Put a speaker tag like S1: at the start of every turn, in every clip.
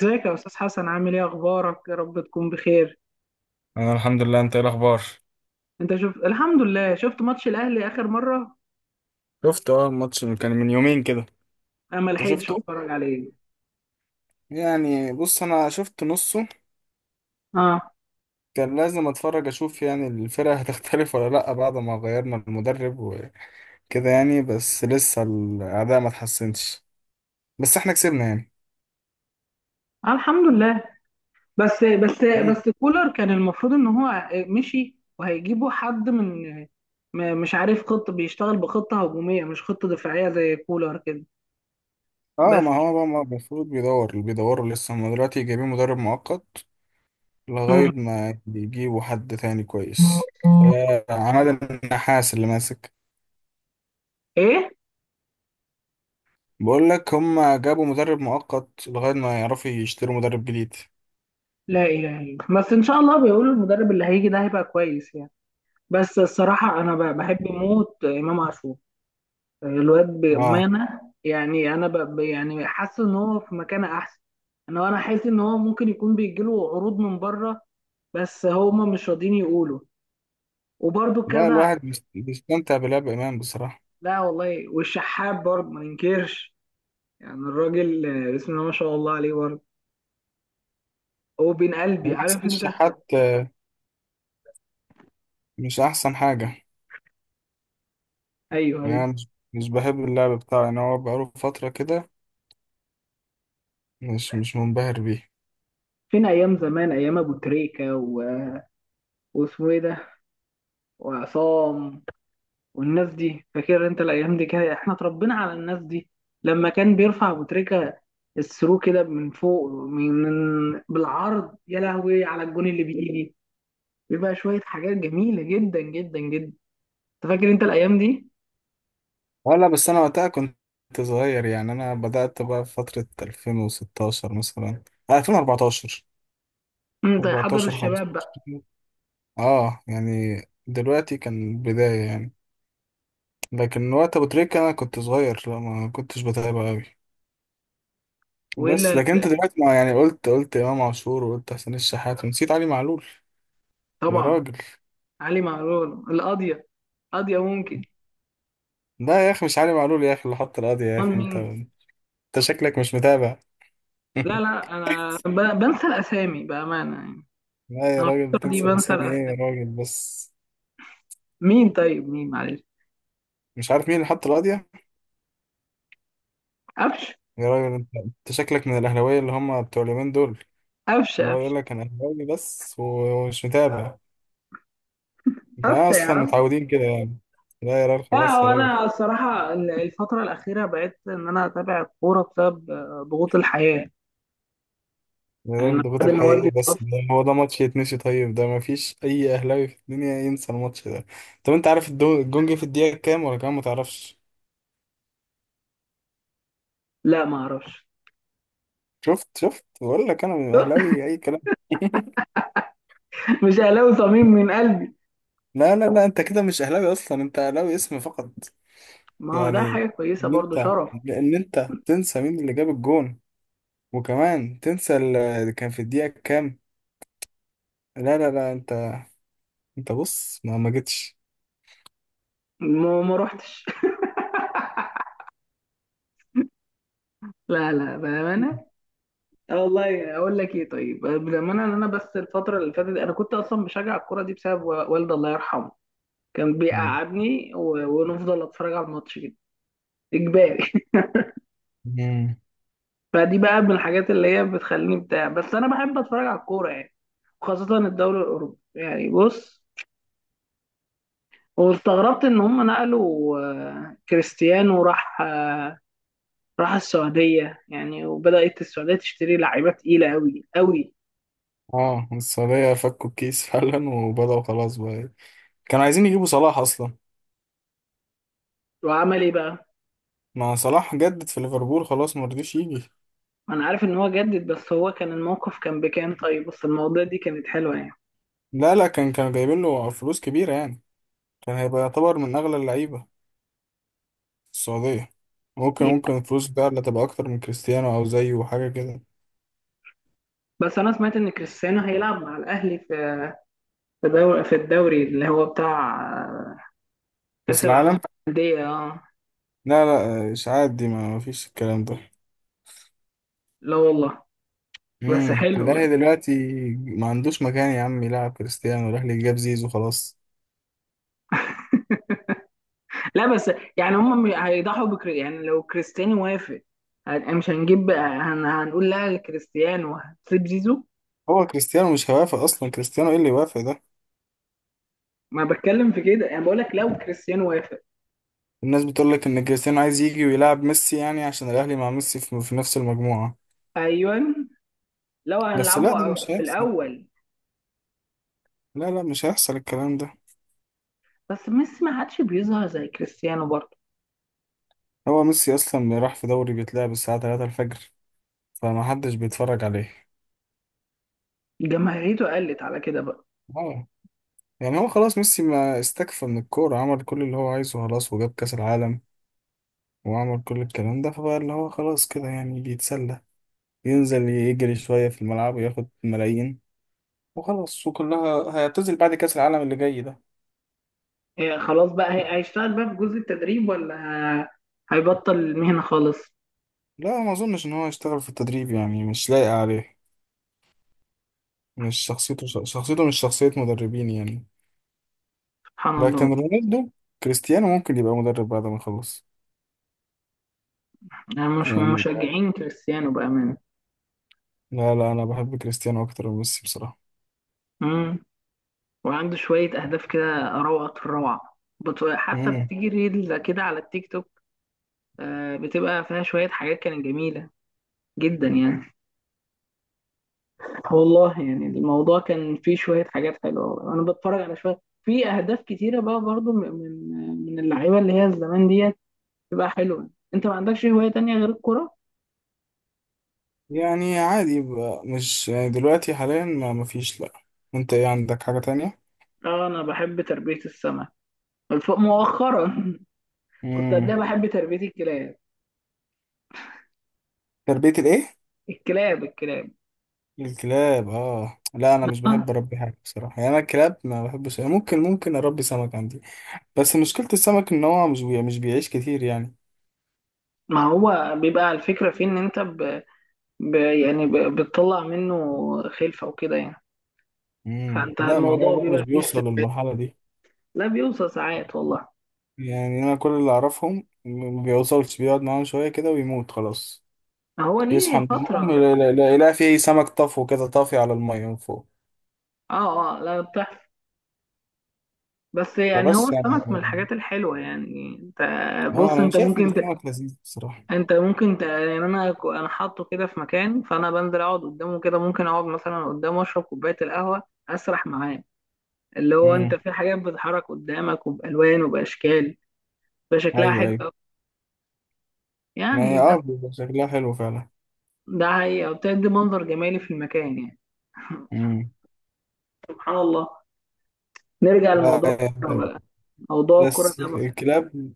S1: ازيك يا استاذ حسن؟ عامل ايه؟ اخبارك، يا رب تكون بخير.
S2: انا الحمد لله. انت ايه الاخبار؟
S1: انت شفت الحمد لله. شفت ماتش الاهلي اخر مره؟
S2: شفت، الماتش اللي كان من يومين كده.
S1: انا ما
S2: انت
S1: لحقتش
S2: شفته؟
S1: اتفرج عليه.
S2: يعني بص انا شفت نصه.
S1: اه.
S2: كان لازم اتفرج اشوف يعني الفرقة هتختلف ولا لا بعد ما غيرنا المدرب وكده. يعني بس لسه الاداء ما اتحسنش. بس احنا كسبنا يعني.
S1: آه، الحمد لله. بس بس
S2: مم.
S1: بس كولر كان المفروض ان هو مشي وهيجيبوا حد من، مش عارف. خطه بيشتغل بخطه هجوميه مش خطه دفاعيه زي كولر كده.
S2: اه،
S1: بس.
S2: ما هو بقى ما المفروض بيدور اللي بيدوروا لسه، هم دلوقتي جايبين مدرب مؤقت لغاية
S1: مم.
S2: ما يجيبوا حد تاني كويس. فعماد النحاس اللي ماسك.
S1: ايه.
S2: بقول لك هم جابوا مدرب مؤقت لغاية ما يعرفوا يشتروا مدرب جديد.
S1: لا اله الا الله. بس ان شاء الله بيقولوا المدرب اللي هيجي ده هيبقى كويس يعني. بس الصراحه انا بحب موت امام عاشور. الواد
S2: اه.
S1: بأمانة يعني. أنا يعني حاسس إن هو في مكان أحسن. أنا حاسس إن هو ممكن يكون بيجيله عروض من بره، بس هما مش راضيين يقولوا، وبرده
S2: لا
S1: كذا.
S2: الواحد بيستمتع بلعب إمام بصراحة.
S1: لا والله، والشحات برضه ما ننكرش. يعني الراجل، بسم الله ما شاء الله عليه برضه. هو بين قلبي،
S2: ما
S1: عارف
S2: أحسنش
S1: أنت.
S2: حتى؟ مش أحسن حاجة؟
S1: أيوه، أيوه.
S2: يعني مش بحب اللعب بتاعه يعني، هو بقاله فترة كده. مش منبهر بيه.
S1: فين أيام زمان؟ أيام أبو تريكة واسمه إيه ده، وعصام، والناس دي. فاكر انت الايام دي كده؟ احنا اتربينا على الناس دي. لما كان بيرفع ابو تريكه الثرو كده من فوق، بالعرض، يا لهوي، على الجون اللي بيجي، بيبقى شويه حاجات جميله جدا جدا جدا. انت فاكر انت الايام دي؟
S2: ولا بس أنا وقتها كنت صغير، يعني أنا بدأت بقى في فترة 2016 مثلا، 2014،
S1: انت حضر
S2: 14،
S1: الشباب
S2: 15.
S1: بقى.
S2: اه يعني دلوقتي كان بداية يعني، لكن وقت ابو تريكة انا كنت صغير، لا ما كنتش بتابع قوي. بس
S1: والا؟
S2: لكن انت دلوقتي ما يعني، قلت امام عاشور وقلت حسين الشحات ونسيت علي معلول. يا
S1: طبعا.
S2: راجل.
S1: علي معلول القاضيه. قاضيه ممكن.
S2: لا يا اخي مش علي معلول يا اخي، اللي حط القضية يا
S1: امال
S2: اخي انت
S1: مين؟
S2: انت شكلك مش متابع.
S1: لا لا، انا بنسى الاسامي بامانه يعني.
S2: لا يا
S1: انا
S2: راجل،
S1: الفتره دي
S2: تنسى
S1: بنسى
S2: الاسامي ايه
S1: الاسامي.
S2: يا راجل، بس.
S1: مين؟ طيب مين؟ معلش.
S2: مش عارف مين اللي حط القضية.
S1: قفش.
S2: يا راجل انت شكلك من الاهلاويه اللي هم بتوع اليومين دول،
S1: قفش.
S2: اللي هو
S1: قفش.
S2: يقول لك انا اهلاوي بس ومش متابع. انا
S1: قفشه يا
S2: اصلا
S1: عم.
S2: متعودين كده يعني. لا يا راجل
S1: لا،
S2: خلاص
S1: هو
S2: يا راجل.
S1: انا الصراحه الفتره الاخيره بقيت ان انا اتابع الكوره بسبب ضغوط الحياه. يعني
S2: ده
S1: أنا
S2: الضغوط
S1: بعد ما والدي
S2: الحقيقي، بس
S1: توفى.
S2: ده هو، ده ماتش يتنسي؟ طيب ده مفيش أي أهلاوي في الدنيا ينسى الماتش ده. طب أنت عارف الجون جه في الدقيقة كام ولا كام؟ متعرفش.
S1: لا، ما اعرفش.
S2: شفت، بقول لك أنا أهلاوي أي كلام.
S1: مش اهلاوي، صميم من قلبي.
S2: لا لا لا، أنت كده مش أهلاوي أصلا، أنت أهلاوي اسم فقط.
S1: ما هو ده
S2: يعني،
S1: حاجه كويسه
S2: إن
S1: برضو،
S2: أنت
S1: شرف.
S2: إن أنت تنسى مين اللي جاب الجون وكمان تنسى اللي كان في الدقيقة كام؟ لا لا لا أنت، أنت بص ما جيتش.
S1: ما روحتش. لا لا، بامانه. اه والله، اقول لك ايه؟ طيب بامانه، ان انا بس الفتره اللي فاتت انا كنت اصلا بشجع الكوره دي بسبب والدي الله يرحمه. كان بيقعدني ونفضل اتفرج على الماتش كده، اجباري. فدي بقى من الحاجات اللي هي بتخليني بتاع، بس انا بحب اتفرج على الكوره يعني، خاصه الدوري الاوروبي. يعني بص، واستغربت ان هم نقلوا، كريستيانو راح السعوديه يعني، وبدات السعوديه تشتري لعيبه تقيله قوي قوي.
S2: اه، السعودية فكوا الكيس فعلا وبدأوا خلاص بقى إيه. كانوا عايزين يجيبوا صلاح أصلا.
S1: وعمل ايه بقى؟
S2: ما صلاح جدد في ليفربول خلاص، ما رضيش يجي.
S1: انا عارف ان هو جدد، بس هو كان الموقف كان بكام طيب؟ بس المواضيع دي كانت حلوه يعني.
S2: لا لا، كانوا جايبين له فلوس كبيرة يعني. كان هيبقى يعتبر من أغلى اللعيبة السعودية. ممكن
S1: يعني
S2: ممكن الفلوس بقى اللي تبقى أكتر من كريستيانو أو زيه وحاجة كده.
S1: بس انا سمعت ان كريستيانو هيلعب مع الاهلي في الدوري اللي هو بتاع كاس
S2: كأس
S1: العالم
S2: العالم.
S1: للانديه. اه.
S2: لا لا إشاعات دي، ما فيش الكلام ده.
S1: لا والله. بس حلو.
S2: الأهلي دلوقتي ما عندوش مكان يا عم يلعب كريستيانو، الأهلي جاب زيزو خلاص.
S1: لا بس يعني هم هيضحوا بكري يعني، لو كريستيانو وافق. مش هنجيب، هنقول لا لكريستيانو وهتسيب زيزو.
S2: هو كريستيانو مش هيوافق أصلا، كريستيانو إيه اللي يوافق ده.
S1: ما بتكلم في كده، انا بقول لك لو كريستيانو وافق.
S2: الناس بتقول لك ان كريستيانو عايز يجي ويلعب ميسي، يعني عشان الاهلي مع ميسي في نفس المجموعة.
S1: ايوه، لو
S2: بس لا ده
S1: هنلعبه
S2: مش
S1: في
S2: هيحصل.
S1: الاول.
S2: لا لا، مش هيحصل الكلام ده.
S1: بس ميسي ما عادش بيظهر زي كريستيانو برضه.
S2: هو ميسي اصلا راح في دوري بيتلعب الساعة 3 الفجر، فما حدش بيتفرج عليه.
S1: جماهيريته قلت على كده بقى.
S2: اه يعني هو خلاص، ميسي ما استكفى من الكورة، عمل كل اللي هو عايزه خلاص، وجاب كأس العالم وعمل كل الكلام ده، فبقى اللي هو خلاص كده يعني بيتسلى، ينزل يجري شوية في الملعب وياخد ملايين، وخلاص، وكلها هيعتزل بعد كأس العالم اللي جاي ده.
S1: إيه؟ خلاص بقى، هيشتغل بقى في جزء التدريب، ولا ه- هيبطل المهنة خالص؟
S2: لا ما اظنش ان هو يشتغل في التدريب يعني، مش لايق عليه، مش شخصيته مش شخصية مدربين يعني.
S1: سبحان الله.
S2: لكن رونالدو، كريستيانو، ممكن يبقى مدرب بعد ما يخلص
S1: يعني مش
S2: يعني.
S1: مشجعين كريستيانو بأمانة.
S2: لا لا انا بحب كريستيانو اكتر من ميسي بصراحة.
S1: وعنده شوية أهداف كده، روعة في الروعة، حتى
S2: امم
S1: بتيجي ريل كده على التيك توك، بتبقى فيها شوية حاجات كانت جميلة جدا يعني. والله يعني الموضوع كان فيه شوية حاجات حلوة، أنا بتفرج على شوية في أهداف كتيرة بقى برضو، من اللعيبة اللي هي الزمان ديت، بتبقى حلوة. أنت ما عندكش هواية تانية غير الكرة؟
S2: يعني عادي يبقى مش، يعني دلوقتي حاليا ما مفيش، لا. انت ايه عندك حاجة تانية؟
S1: آه، أنا بحب تربية السمك مؤخرا. كنت
S2: امم
S1: قبلها بحب تربية الكلاب.
S2: تربية الايه؟
S1: الكلاب. الكلاب.
S2: الكلاب؟ اه لا انا مش
S1: آه.
S2: بحب اربي حاجة بصراحة يعني، انا الكلاب ما بحبش يعني. ممكن اربي سمك عندي. بس مشكلة السمك ان هو مش بيعيش كتير يعني.
S1: ما هو بيبقى الفكرة في إن أنت يعني بتطلع منه خلفة وكده يعني.
S2: مم.
S1: فانت
S2: لا، ما هو
S1: الموضوع
S2: بقى مش
S1: بيبقى فيه
S2: بيوصل
S1: استف...
S2: للمرحلة دي.
S1: لا، بيوصل ساعات والله.
S2: يعني أنا كل اللي أعرفهم ما بيوصلش، بيقعد معاهم شوية كده ويموت خلاص.
S1: هو
S2: يصحى
S1: ليه
S2: من النوم
S1: فترة.
S2: يلاقي فيه سمك طفو كده طافي على المية من فوق.
S1: اه، اه، لا، بتحصل. بس يعني هو
S2: فبس يعني.
S1: السمك من الحاجات الحلوة يعني. انت
S2: اه
S1: بص،
S2: أنا
S1: انت
S2: شايف إن
S1: ممكن
S2: السمك لذيذ بصراحة.
S1: انت ممكن يعني انا انا حاطه كده في مكان، فانا بنزل اقعد قدامه كده، ممكن اقعد مثلا قدامه اشرب كوباية القهوة، اسرح معاه. اللي هو انت
S2: مم.
S1: في حاجات بتتحرك قدامك وبالوان وباشكال، بشكلها
S2: أيوه
S1: حلو
S2: أيوه.
S1: أوي.
S2: ما
S1: يعني
S2: هي
S1: بس،
S2: بيبقى شكلها حلو فعلا.
S1: ده هي بتدي منظر جمالي في المكان يعني.
S2: مم.
S1: سبحان الله. نرجع
S2: لا،
S1: لموضوع
S2: آه،
S1: الكورة بقى. موضوع الكورة
S2: بس
S1: ده بقى.
S2: الكلاب.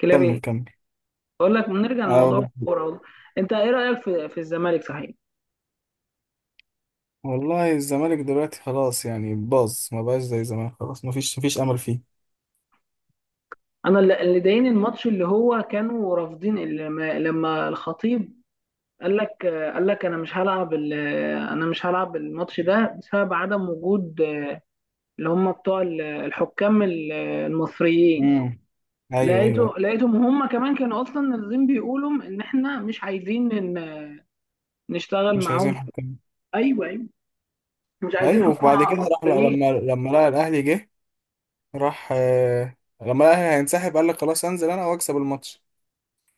S1: كلاب ايه؟
S2: كمل كمل.
S1: بقول لك نرجع
S2: أنا
S1: لموضوع
S2: ب-
S1: الكورة والله. انت ايه رأيك في في الزمالك صحيح؟
S2: والله الزمالك دلوقتي خلاص يعني باظ، ما بقاش زي زمان خلاص، ما فيش أمل فيه.
S1: انا اللي ضايقني الماتش اللي هو كانوا رافضين، لما الخطيب قال لك، قال لك انا مش هلعب انا مش هلعب الماتش ده بسبب عدم وجود اللي هم بتوع الحكام المصريين.
S2: امم ايوه ايوه
S1: لقيته
S2: ايوه،
S1: لقيتهم هم كمان كانوا اصلا نازلين بيقولوا ان احنا مش عايزين نشتغل
S2: مش
S1: معاهم
S2: عايزين
S1: في.
S2: حكام.
S1: ايوه، مش عايزين
S2: ايوه وبعد
S1: حكومة
S2: كده، راح،
S1: مصريين.
S2: لما لقى الاهلي جه، راح، لما لقى الاهلي هينسحب قال لك خلاص انزل انا واكسب الماتش.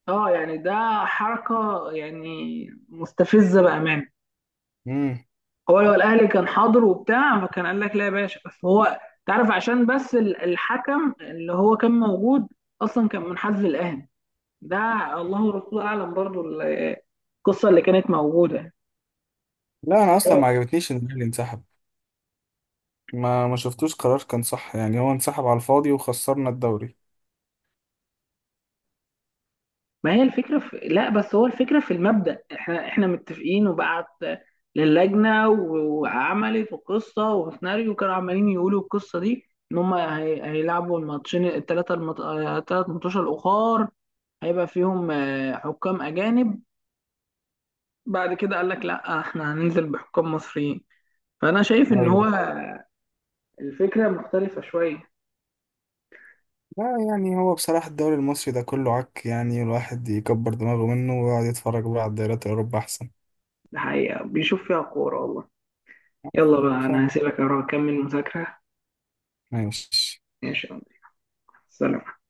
S1: اه، يعني ده حركة يعني، مستفزة بأمانة.
S2: امم
S1: هو لو الأهلي كان حاضر وبتاع، فكان قال لك لا يا باشا. بس هو، تعرف، عشان بس الحكم اللي هو كان موجود أصلا كان من حزب الأهلي ده. الله ورسوله أعلم برضو القصة اللي كانت موجودة.
S2: لا انا اصلا ما عجبتنيش ان الاهلي انسحب، ما شفتوش قرار كان صح يعني، هو انسحب على الفاضي وخسرنا الدوري.
S1: ما هي الفكرة. لا، بس هو الفكرة في المبدأ، احنا متفقين، وبعت للجنة وعملت وقصة وسيناريو. كانوا عمالين يقولوا القصة دي ان هم هيلعبوا الماتشين الثلاثة، المط... آه، الثلاث ماتشات الأخر، هيبقى فيهم حكام أجانب. بعد كده قال لك لا، احنا هننزل بحكام مصريين. فأنا شايف ان
S2: ايوه.
S1: هو الفكرة مختلفة شوية.
S2: لا يعني هو بصراحة الدوري المصري ده كله عك يعني، الواحد يكبر دماغه منه ويقعد يتفرج بقى على الدوريات الاوروبا احسن.
S1: الحقيقة بيشوف فيها كورة والله. يلا بقى،
S2: ف-
S1: أنا هسيبك أروح أكمل مذاكرة.
S2: ماشي.
S1: ماشي يا عمر. سلام.